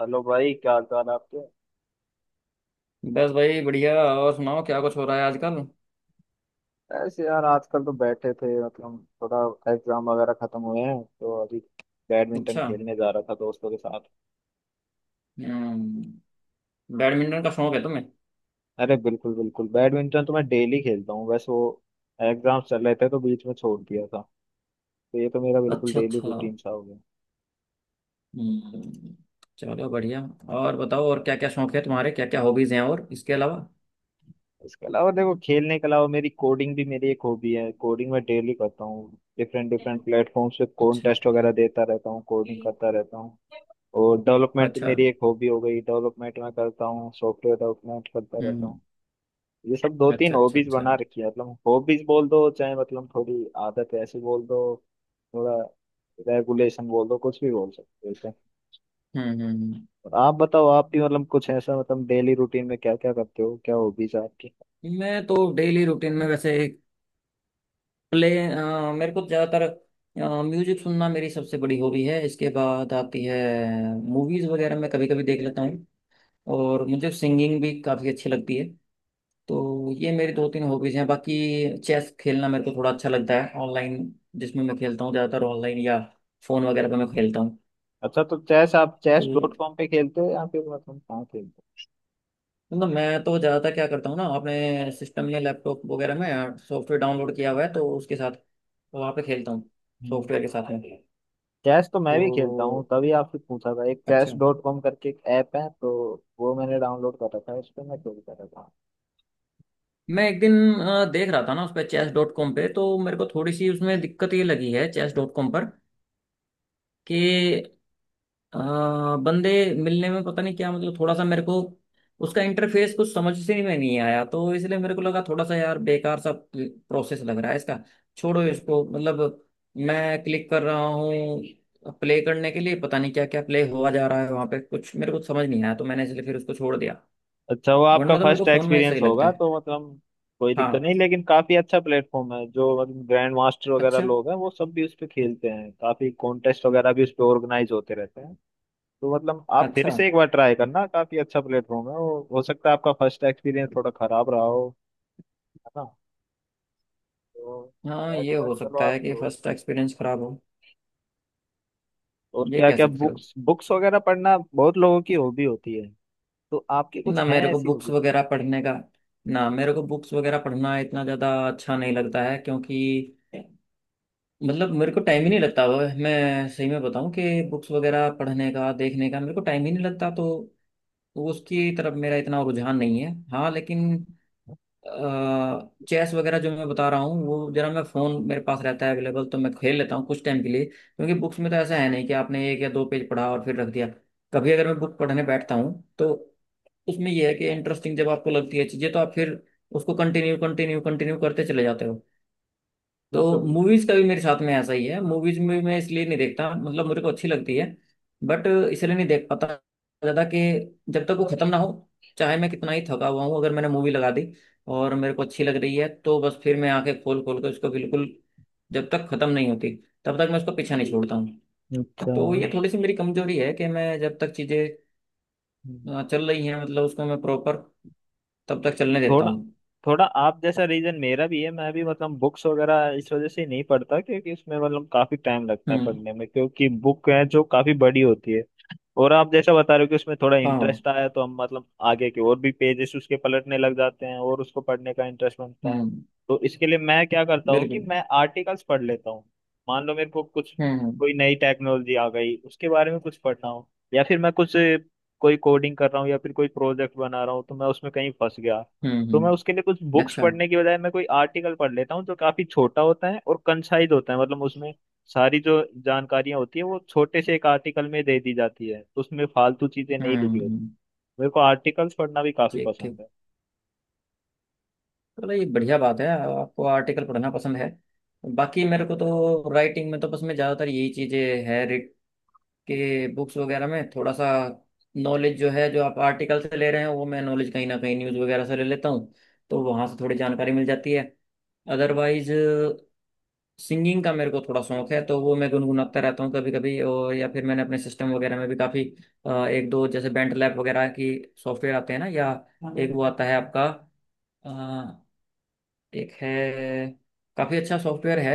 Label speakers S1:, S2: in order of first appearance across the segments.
S1: Hello भाई क्या हाल चाल है आपके।
S2: बस भाई बढ़िया। और सुनाओ क्या कुछ हो रहा है आजकल?
S1: ऐसे यार आजकल तो बैठे थे मतलब थोड़ा एग्जाम वगैरह खत्म हुए हैं तो अभी बैडमिंटन
S2: अच्छा।
S1: खेलने जा रहा था दोस्तों के साथ।
S2: हम्म। बैडमिंटन का शौक है तुम्हें?
S1: अरे बिल्कुल बिल्कुल बैडमिंटन तो मैं डेली खेलता हूँ, बस वो एग्जाम चल रहे थे तो बीच में छोड़ दिया था। तो ये तो मेरा बिल्कुल
S2: अच्छा
S1: डेली
S2: अच्छा।
S1: रूटीन सा हो गया।
S2: हम्म। चलो बढ़िया। और बताओ, और क्या क्या शौक है तुम्हारे, क्या क्या हॉबीज हैं और इसके अलावा?
S1: इसके अलावा देखो, खेलने के अलावा मेरी कोडिंग भी मेरी एक हॉबी है, कोडिंग मैं डेली करता हूँ। डिफरेंट डिफरेंट
S2: अच्छा
S1: प्लेटफॉर्म्स पे कॉन्टेस्ट वगैरह देता रहता हूँ, कोडिंग करता रहता हूँ। और डेवलपमेंट
S2: अच्छा।
S1: मेरी एक हॉबी हो गई, डेवलपमेंट मैं करता हूँ, सॉफ्टवेयर डेवलपमेंट करता रहता हूँ।
S2: हम्म।
S1: ये सब दो तीन
S2: अच्छा अच्छा
S1: हॉबीज
S2: अच्छा।
S1: बना रखी है, मतलब हॉबीज बोल दो चाहे, मतलब थोड़ी आदत ऐसी बोल दो, थोड़ा रेगुलेशन बोल दो, कुछ भी बोल सकते हो इसे।
S2: हम्म हम्म हम्म।
S1: और आप बताओ, आप भी मतलब कुछ ऐसा मतलब डेली रूटीन में क्या क्या करते हो, क्या हॉबीज है आपकी?
S2: मैं तो डेली रूटीन में वैसे मेरे को ज़्यादातर म्यूजिक सुनना मेरी सबसे बड़ी हॉबी है। इसके बाद आती है मूवीज़ वगैरह, मैं कभी कभी देख लेता हूँ। और मुझे सिंगिंग भी काफ़ी अच्छी लगती है। तो ये मेरी दो तीन हॉबीज़ हैं। बाकी चेस खेलना मेरे को थोड़ा अच्छा लगता है ऑनलाइन, जिसमें मैं खेलता हूँ ज़्यादातर ऑनलाइन या फ़ोन वगैरह पे मैं खेलता हूँ।
S1: अच्छा, तो चेस आप
S2: तो
S1: चेस डॉट कॉम पे खेलते हो या फिर मतलब कहाँ खेलते
S2: मतलब मैं तो ज़्यादातर क्या करता हूँ ना, अपने सिस्टम या लैपटॉप वगैरह में सॉफ्टवेयर डाउनलोड किया हुआ है, तो उसके साथ वहाँ पे खेलता हूँ,
S1: हो? हम्म।
S2: सॉफ्टवेयर के साथ में।
S1: चेस तो मैं भी खेलता हूँ,
S2: तो
S1: तभी आपसे पूछा था। एक चेस
S2: अच्छा।
S1: डॉट कॉम करके एक ऐप है, तो वो मैंने डाउनलोड कर रखा है, उस पर मैं खेलता रहता हूँ।
S2: मैं एक दिन देख रहा था ना उस पर, चेस डॉट कॉम पे, chess.com पे, तो मेरे को थोड़ी सी उसमें दिक्कत ये लगी है चेस डॉट कॉम पर कि अ, बंदे मिलने में पता नहीं क्या, मतलब थोड़ा सा मेरे को उसका इंटरफेस कुछ समझ से में नहीं आया। तो इसलिए मेरे को लगा थोड़ा सा, यार बेकार सा प्रोसेस लग रहा है इसका। छोड़ो इसको, मतलब मैं क्लिक कर रहा हूँ प्ले करने के लिए, पता नहीं क्या क्या प्ले हुआ जा रहा है वहां पे, कुछ मेरे को समझ नहीं आया। तो मैंने इसलिए फिर उसको छोड़ दिया।
S1: अच्छा, वो आपका
S2: वरना तो मेरे को
S1: फर्स्ट
S2: फोन में
S1: एक्सपीरियंस
S2: सही लगता
S1: होगा
S2: है।
S1: तो मतलब कोई दिक्कत
S2: हाँ।
S1: नहीं, लेकिन काफी अच्छा प्लेटफॉर्म है। जो मतलब ग्रैंड मास्टर वगैरह
S2: अच्छा।
S1: लोग हैं वो सब भी उस पे खेलते हैं, काफी कॉन्टेस्ट वगैरह भी उस पे ऑर्गेनाइज होते रहते हैं। तो मतलब आप फिर
S2: अच्छा।
S1: से एक बार ट्राई करना, काफी अच्छा प्लेटफॉर्म है वो, हो सकता है आपका फर्स्ट एक्सपीरियंस थोड़ा खराब रहा हो, है ना? तो
S2: हाँ,
S1: चेस
S2: ये हो
S1: चलो
S2: सकता है
S1: आपकी
S2: कि
S1: हो।
S2: फर्स्ट एक्सपीरियंस खराब हो।
S1: और
S2: ये
S1: क्या
S2: कह
S1: क्या
S2: सकते हो।
S1: बुक्स, बुक्स वगैरह पढ़ना बहुत लोगों की हॉबी होती है, तो आपकी कुछ
S2: ना
S1: है
S2: मेरे को
S1: ऐसी
S2: बुक्स
S1: हॉबी?
S2: वगैरह पढ़ने का ना, मेरे को बुक्स वगैरह पढ़ना इतना ज़्यादा अच्छा नहीं लगता है, क्योंकि मतलब मेरे को टाइम ही नहीं लगता वो। मैं सही में बताऊं कि बुक्स वगैरह पढ़ने का देखने का मेरे को टाइम ही नहीं लगता। तो उसकी तरफ मेरा इतना रुझान नहीं है। हाँ लेकिन चेस वगैरह जो मैं बता रहा हूँ, वो जरा, मैं फ़ोन मेरे पास रहता है अवेलेबल, तो मैं खेल लेता हूँ कुछ टाइम के लिए। क्योंकि बुक्स में तो ऐसा है नहीं कि आपने एक या दो पेज पढ़ा और फिर रख दिया। कभी अगर मैं बुक पढ़ने बैठता हूँ तो उसमें यह है कि इंटरेस्टिंग जब आपको लगती है चीजें तो आप फिर उसको कंटिन्यू कंटिन्यू कंटिन्यू करते चले जाते हो।
S1: बिल्कुल
S2: तो
S1: बिल्कुल।
S2: मूवीज का भी मेरे साथ में ऐसा ही है। मूवीज में मैं इसलिए नहीं देखता, मतलब मेरे को अच्छी लगती है बट इसलिए नहीं देख पाता ज्यादा कि जब तक वो खत्म ना हो, चाहे मैं कितना ही थका हुआ हूँ, अगर मैंने मूवी लगा दी और मेरे को अच्छी लग रही है तो बस फिर मैं आंखें खोल खोल के उसको, बिल्कुल जब तक खत्म नहीं होती तब तक मैं उसको पीछा नहीं छोड़ता हूँ।
S1: अच्छा,
S2: तो ये थोड़ी सी मेरी कमजोरी है कि मैं जब तक चीजें, हाँ, चल रही है, मतलब उसको मैं प्रॉपर तब तक चलने देता
S1: थोड़ा
S2: हूँ।
S1: थोड़ा आप जैसा रीजन मेरा भी है, मैं भी मतलब बुक्स वगैरह इस वजह से नहीं पढ़ता क्योंकि उसमें मतलब काफी टाइम लगता है
S2: हम्म।
S1: पढ़ने में, क्योंकि बुक है जो काफी बड़ी होती है। और आप जैसा बता रहे हो कि उसमें थोड़ा
S2: हाँ।
S1: इंटरेस्ट आया तो हम मतलब आगे के और भी पेजेस उसके पलटने लग जाते हैं और उसको पढ़ने का इंटरेस्ट बनता है।
S2: हम्म।
S1: तो इसके लिए मैं क्या करता हूँ कि
S2: बिल्कुल।
S1: मैं आर्टिकल्स पढ़ लेता हूँ। मान लो मेरे को कुछ
S2: हम्म हम्म
S1: कोई नई टेक्नोलॉजी आ गई, उसके बारे में कुछ पढ़ना हो, या फिर मैं कुछ कोई कोडिंग कर रहा हूँ या फिर कोई प्रोजेक्ट बना रहा हूँ तो मैं उसमें कहीं फंस गया,
S2: हम्म,
S1: तो मैं
S2: हम्म,
S1: उसके लिए कुछ बुक्स
S2: अच्छा,
S1: पढ़ने की बजाय मैं कोई आर्टिकल पढ़ लेता हूँ, जो काफी छोटा होता है और कंसाइज होता है, मतलब उसमें सारी जो जानकारियां होती है वो छोटे से एक आर्टिकल में दे दी जाती है, उसमें फालतू चीजें
S2: हम्म
S1: नहीं लिखी होती।
S2: हम्म,
S1: मेरे को आर्टिकल्स पढ़ना भी काफी
S2: ठीक ठीक।
S1: पसंद है।
S2: चलो ये बढ़िया बात है। आपको आर्टिकल पढ़ना पसंद है। बाकी मेरे को तो राइटिंग में तो बस मैं ज़्यादातर यही चीज़ें है, रिट के बुक्स वगैरह में थोड़ा सा नॉलेज जो है, जो आप आर्टिकल से ले रहे हैं, वो मैं नॉलेज कहीं ना कहीं न्यूज़ वगैरह से ले लेता हूँ। तो वहाँ से थोड़ी जानकारी मिल जाती है। अदरवाइज सिंगिंग का मेरे को थोड़ा शौक है, तो वो मैं गुनगुनाता रहता हूँ कभी कभी। और या फिर मैंने अपने सिस्टम वगैरह में भी काफ़ी, एक दो जैसे बेंट लैब वगैरह की सॉफ्टवेयर आते हैं ना, या एक वो आता है आपका, अ, एक है, काफ़ी अच्छा सॉफ्टवेयर है,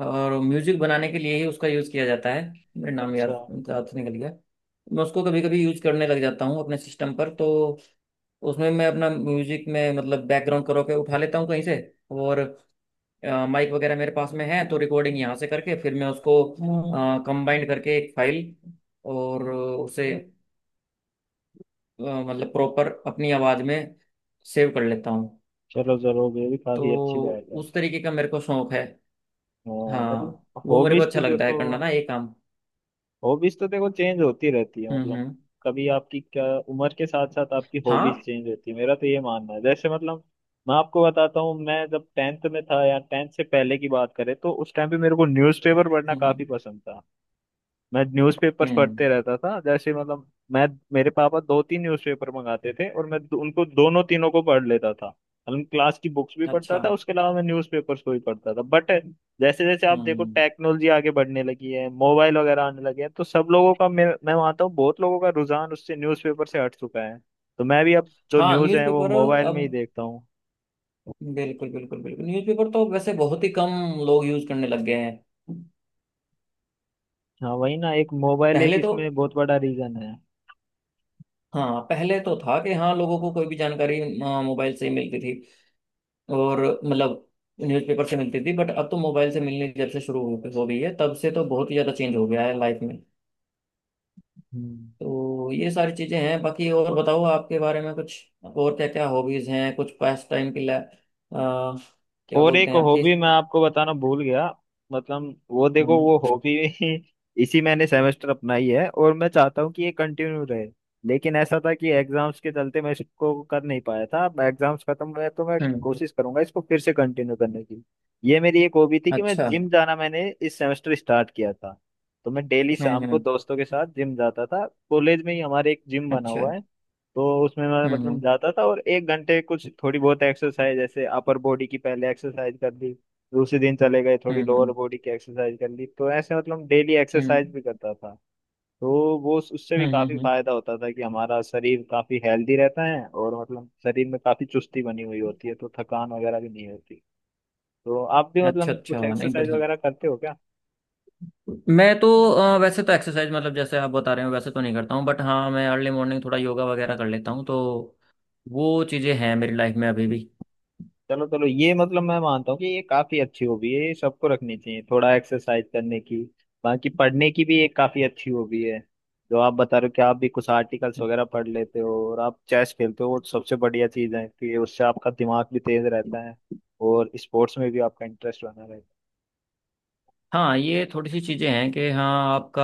S2: और म्यूजिक बनाने के लिए ही उसका यूज़ किया जाता है। मेरा नाम
S1: अच्छा,
S2: याद, याद से निकल गया। मैं उसको कभी कभी यूज़ करने लग जाता हूँ अपने सिस्टम पर, तो उसमें मैं अपना म्यूजिक में मतलब बैकग्राउंड करो के उठा लेता हूँ कहीं से। और माइक वगैरह मेरे पास में है, तो रिकॉर्डिंग यहाँ से करके फिर मैं उसको कंबाइंड करके एक फाइल, और उसे मतलब प्रॉपर अपनी आवाज़ में सेव कर लेता हूँ।
S1: चलो जरूर ये भी काफी अच्छी
S2: तो
S1: बात है।
S2: उस तरीके का मेरे को शौक है।
S1: हाँ, मतलब
S2: हाँ वो मेरे को
S1: हॉबीज तो
S2: अच्छा लगता है
S1: देखो
S2: करना ना, ये काम।
S1: हॉबीज तो देखो चेंज होती रहती है मतलब,
S2: हम्म,
S1: कभी आपकी क्या उम्र के साथ साथ आपकी हॉबीज
S2: हाँ,
S1: चेंज होती है, मेरा तो ये मानना है। जैसे मतलब मैं आपको बताता हूँ, मैं जब टेंथ में था या टेंथ से पहले की बात करें तो उस टाइम पे मेरे को न्यूज़पेपर पढ़ना काफी
S2: हम्म
S1: पसंद था। मैं न्यूज़पेपर्स
S2: हम्म।
S1: पढ़ते रहता था, जैसे मतलब मैं मेरे पापा दो तीन न्यूज़पेपर मंगाते थे और मैं उनको दोनों तीनों को पढ़ लेता था। मतलब क्लास की बुक्स भी पढ़ता
S2: अच्छा।
S1: था, उसके अलावा मैं न्यूज़पेपर्स को भी पढ़ता था, बट जैसे जैसे आप देखो
S2: हम्म।
S1: टेक्नोलॉजी आगे बढ़ने लगी है, मोबाइल वगैरह आने लगे हैं, तो सब लोगों का मैं मानता हूँ बहुत लोगों का रुझान उससे न्यूज़पेपर से हट चुका है। तो मैं भी अब जो
S2: हाँ
S1: न्यूज़ है वो
S2: न्यूज़पेपर,
S1: मोबाइल में
S2: अब,
S1: ही देखता हूँ।
S2: बिल्कुल बिल्कुल बिल्कुल, न्यूज़पेपर तो अब वैसे बहुत ही कम लोग यूज करने लग गए हैं।
S1: हाँ वही ना, एक मोबाइल एक
S2: पहले तो,
S1: इसमें बहुत बड़ा रीजन है।
S2: हाँ, पहले तो था कि हाँ लोगों को कोई भी जानकारी मोबाइल से ही मिलती थी और मतलब न्यूज़पेपर से मिलती थी, बट अब तो मोबाइल से मिलनी जब से शुरू हो गई है तब से तो बहुत ही ज़्यादा चेंज हो गया है लाइफ में।
S1: हम्म।
S2: तो ये सारी चीज़ें हैं। बाकी और बताओ आपके बारे में कुछ, और क्या क्या हॉबीज़ हैं कुछ पास टाइम के लिए, क्या
S1: और
S2: बोलते
S1: एक
S2: हैं आपकी?
S1: हॉबी मैं आपको बताना भूल गया, मतलब वो देखो
S2: हम्म
S1: वो हॉबी। इसी मैंने सेमेस्टर अपनाई है और मैं चाहता हूँ कि ये कंटिन्यू रहे। लेकिन ऐसा था कि एग्जाम्स के चलते मैं इसको कर नहीं पाया था, अब एग्जाम्स खत्म हुए हैं, तो मैं
S2: हम्म,
S1: कोशिश करूंगा इसको फिर से कंटिन्यू करने की। ये मेरी एक हॉबी थी कि मैं
S2: अच्छा।
S1: जिम जाना मैंने इस सेमेस्टर स्टार्ट किया था। तो मैं डेली शाम को
S2: हम्म।
S1: दोस्तों के साथ जिम जाता था, कॉलेज में ही हमारे एक जिम बना
S2: अच्छा।
S1: हुआ है। तो उसमें मैं
S2: हम्म हम्म
S1: मतलब जाता था और 1 घंटे कुछ थोड़ी बहुत एक्सरसाइज, जैसे अपर बॉडी की पहले एक्सरसाइज कर ली, दूसरे दिन चले गए थोड़ी
S2: हम्म
S1: लोअर
S2: हम्म
S1: बॉडी की एक्सरसाइज कर ली, तो ऐसे मतलब डेली
S2: हम्म
S1: एक्सरसाइज भी करता था। तो वो उससे भी
S2: हम्म
S1: काफी
S2: हम्म,
S1: फायदा होता था कि हमारा शरीर काफी हेल्दी रहता है और मतलब शरीर में काफी चुस्ती बनी हुई होती है, तो थकान वगैरह भी नहीं होती। तो आप भी
S2: अच्छा
S1: मतलब
S2: अच्छा।
S1: कुछ
S2: नहीं
S1: एक्सरसाइज
S2: बढ़िया।
S1: वगैरह करते हो क्या?
S2: मैं तो वैसे तो एक्सरसाइज मतलब जैसे आप बता रहे हो वैसे तो नहीं करता हूँ, बट हाँ मैं अर्ली मॉर्निंग थोड़ा योगा वगैरह कर लेता हूँ, तो वो चीज़ें हैं मेरी लाइफ में अभी भी।
S1: चलो चलो ये मतलब मैं मानता हूँ कि ये काफी अच्छी हॉबी है, ये सबको रखनी चाहिए थोड़ा एक्सरसाइज करने की। बाकी पढ़ने की भी एक काफी अच्छी हॉबी है, जो आप बता रहे हो कि आप भी कुछ आर्टिकल्स वगैरह पढ़ लेते हो, और आप चेस खेलते हो, वो सबसे बढ़िया चीज है कि उससे आपका दिमाग भी तेज रहता है और स्पोर्ट्स में भी आपका इंटरेस्ट बना रहता है।
S2: हाँ ये थोड़ी सी चीज़ें हैं कि हाँ आपका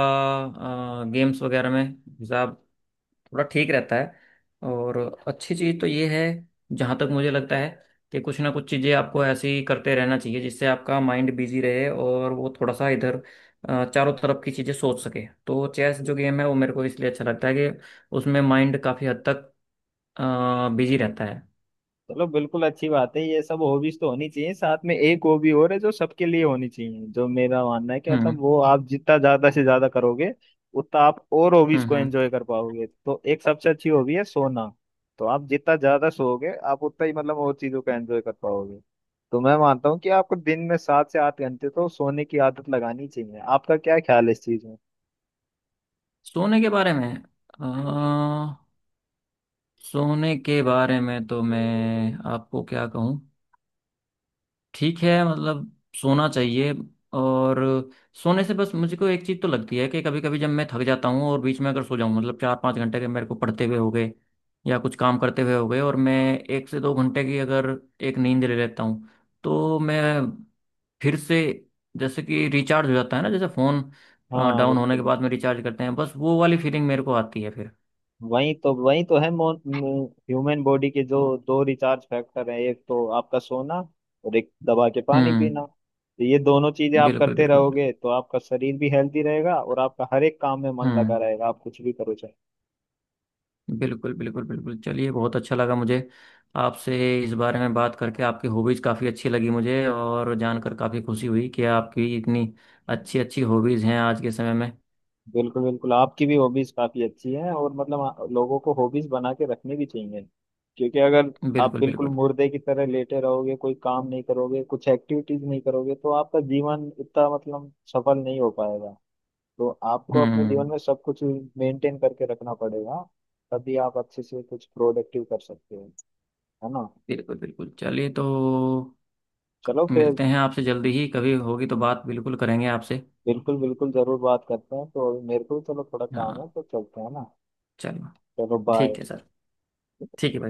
S2: गेम्स वगैरह में हिसाब थोड़ा ठीक रहता है। और अच्छी चीज़ तो ये है, जहाँ तक मुझे लगता है, कि कुछ ना कुछ चीज़ें आपको ऐसी करते रहना चाहिए जिससे आपका माइंड बिजी रहे और वो थोड़ा सा इधर चारों तरफ की चीज़ें सोच सके। तो चेस जो गेम है वो मेरे को इसलिए अच्छा लगता है कि उसमें माइंड काफ़ी हद तक बिजी रहता है।
S1: चलो बिल्कुल अच्छी बात है, ये सब हॉबीज तो होनी चाहिए। साथ में एक हॉबी और है जो सबके लिए होनी चाहिए, जो मेरा मानना है कि मतलब
S2: हम्म
S1: वो आप जितना ज्यादा से ज्यादा करोगे उतना आप और हॉबीज
S2: हम्म
S1: को
S2: हम्म।
S1: एंजॉय कर पाओगे। तो एक सबसे अच्छी हॉबी है सोना। तो आप जितना ज्यादा सोओगे आप उतना ही मतलब और चीजों को एंजॉय कर पाओगे। तो मैं मानता हूँ कि आपको दिन में 7 से 8 घंटे तो सोने की आदत लगानी चाहिए, आपका क्या ख्याल है इस चीज में?
S2: सोने के बारे में अ, सोने के बारे में तो मैं आपको क्या कहूँ? ठीक है मतलब सोना चाहिए। और सोने से बस मुझको एक चीज़ तो लगती है कि कभी कभी जब मैं थक जाता हूँ और बीच में अगर सो जाऊँ, मतलब 4-5 घंटे के मेरे को पढ़ते हुए हो गए या कुछ काम करते हुए हो गए, और मैं 1 से 2 घंटे की अगर एक नींद ले लेता हूँ तो मैं फिर से जैसे कि रिचार्ज हो जाता है ना, जैसे फ़ोन
S1: हाँ
S2: डाउन होने के
S1: बिल्कुल।
S2: बाद में रिचार्ज करते हैं, बस वो वाली फीलिंग मेरे को आती है फिर।
S1: वही तो है, ह्यूमन बॉडी के जो दो रिचार्ज फैक्टर है, एक तो आपका सोना और एक दबा के पानी
S2: हम्म।
S1: पीना। तो ये दोनों चीजें आप
S2: बिल्कुल
S1: करते
S2: बिल्कुल।
S1: रहोगे तो आपका शरीर भी हेल्दी रहेगा और आपका हर एक काम में मन लगा
S2: हम्म।
S1: रहेगा, आप कुछ भी करो चाहे।
S2: बिल्कुल बिल्कुल बिल्कुल, चलिए बहुत अच्छा लगा मुझे आपसे इस बारे में बात करके। आपकी हॉबीज़ काफ़ी अच्छी लगी मुझे और जानकर काफ़ी खुशी हुई कि आपकी इतनी अच्छी अच्छी हॉबीज़ हैं आज के समय में।
S1: बिल्कुल बिल्कुल आपकी भी हॉबीज काफी अच्छी हैं, और मतलब लोगों को हॉबीज बना के रखनी भी चाहिए, क्योंकि अगर आप
S2: बिल्कुल
S1: बिल्कुल
S2: बिल्कुल।
S1: मुर्दे की तरह लेटे रहोगे, कोई काम नहीं करोगे, कुछ एक्टिविटीज नहीं करोगे, तो आपका जीवन इतना मतलब सफल नहीं हो पाएगा। तो आपको अपने जीवन
S2: हम्म।
S1: में सब कुछ मेंटेन करके रखना पड़ेगा, तभी आप अच्छे से कुछ प्रोडक्टिव कर सकते हो, है ना?
S2: बिल्कुल बिल्कुल चलिए तो,
S1: चलो फिर।
S2: मिलते हैं आपसे जल्दी ही, कभी होगी तो बात बिल्कुल करेंगे आपसे।
S1: बिल्कुल बिल्कुल जरूर बात करते हैं, तो मेरे को भी चलो थोड़ा काम
S2: हाँ।
S1: है तो चलते हैं ना।
S2: चलो।
S1: चलो बाय।
S2: ठीक है सर। ठीक है भाई।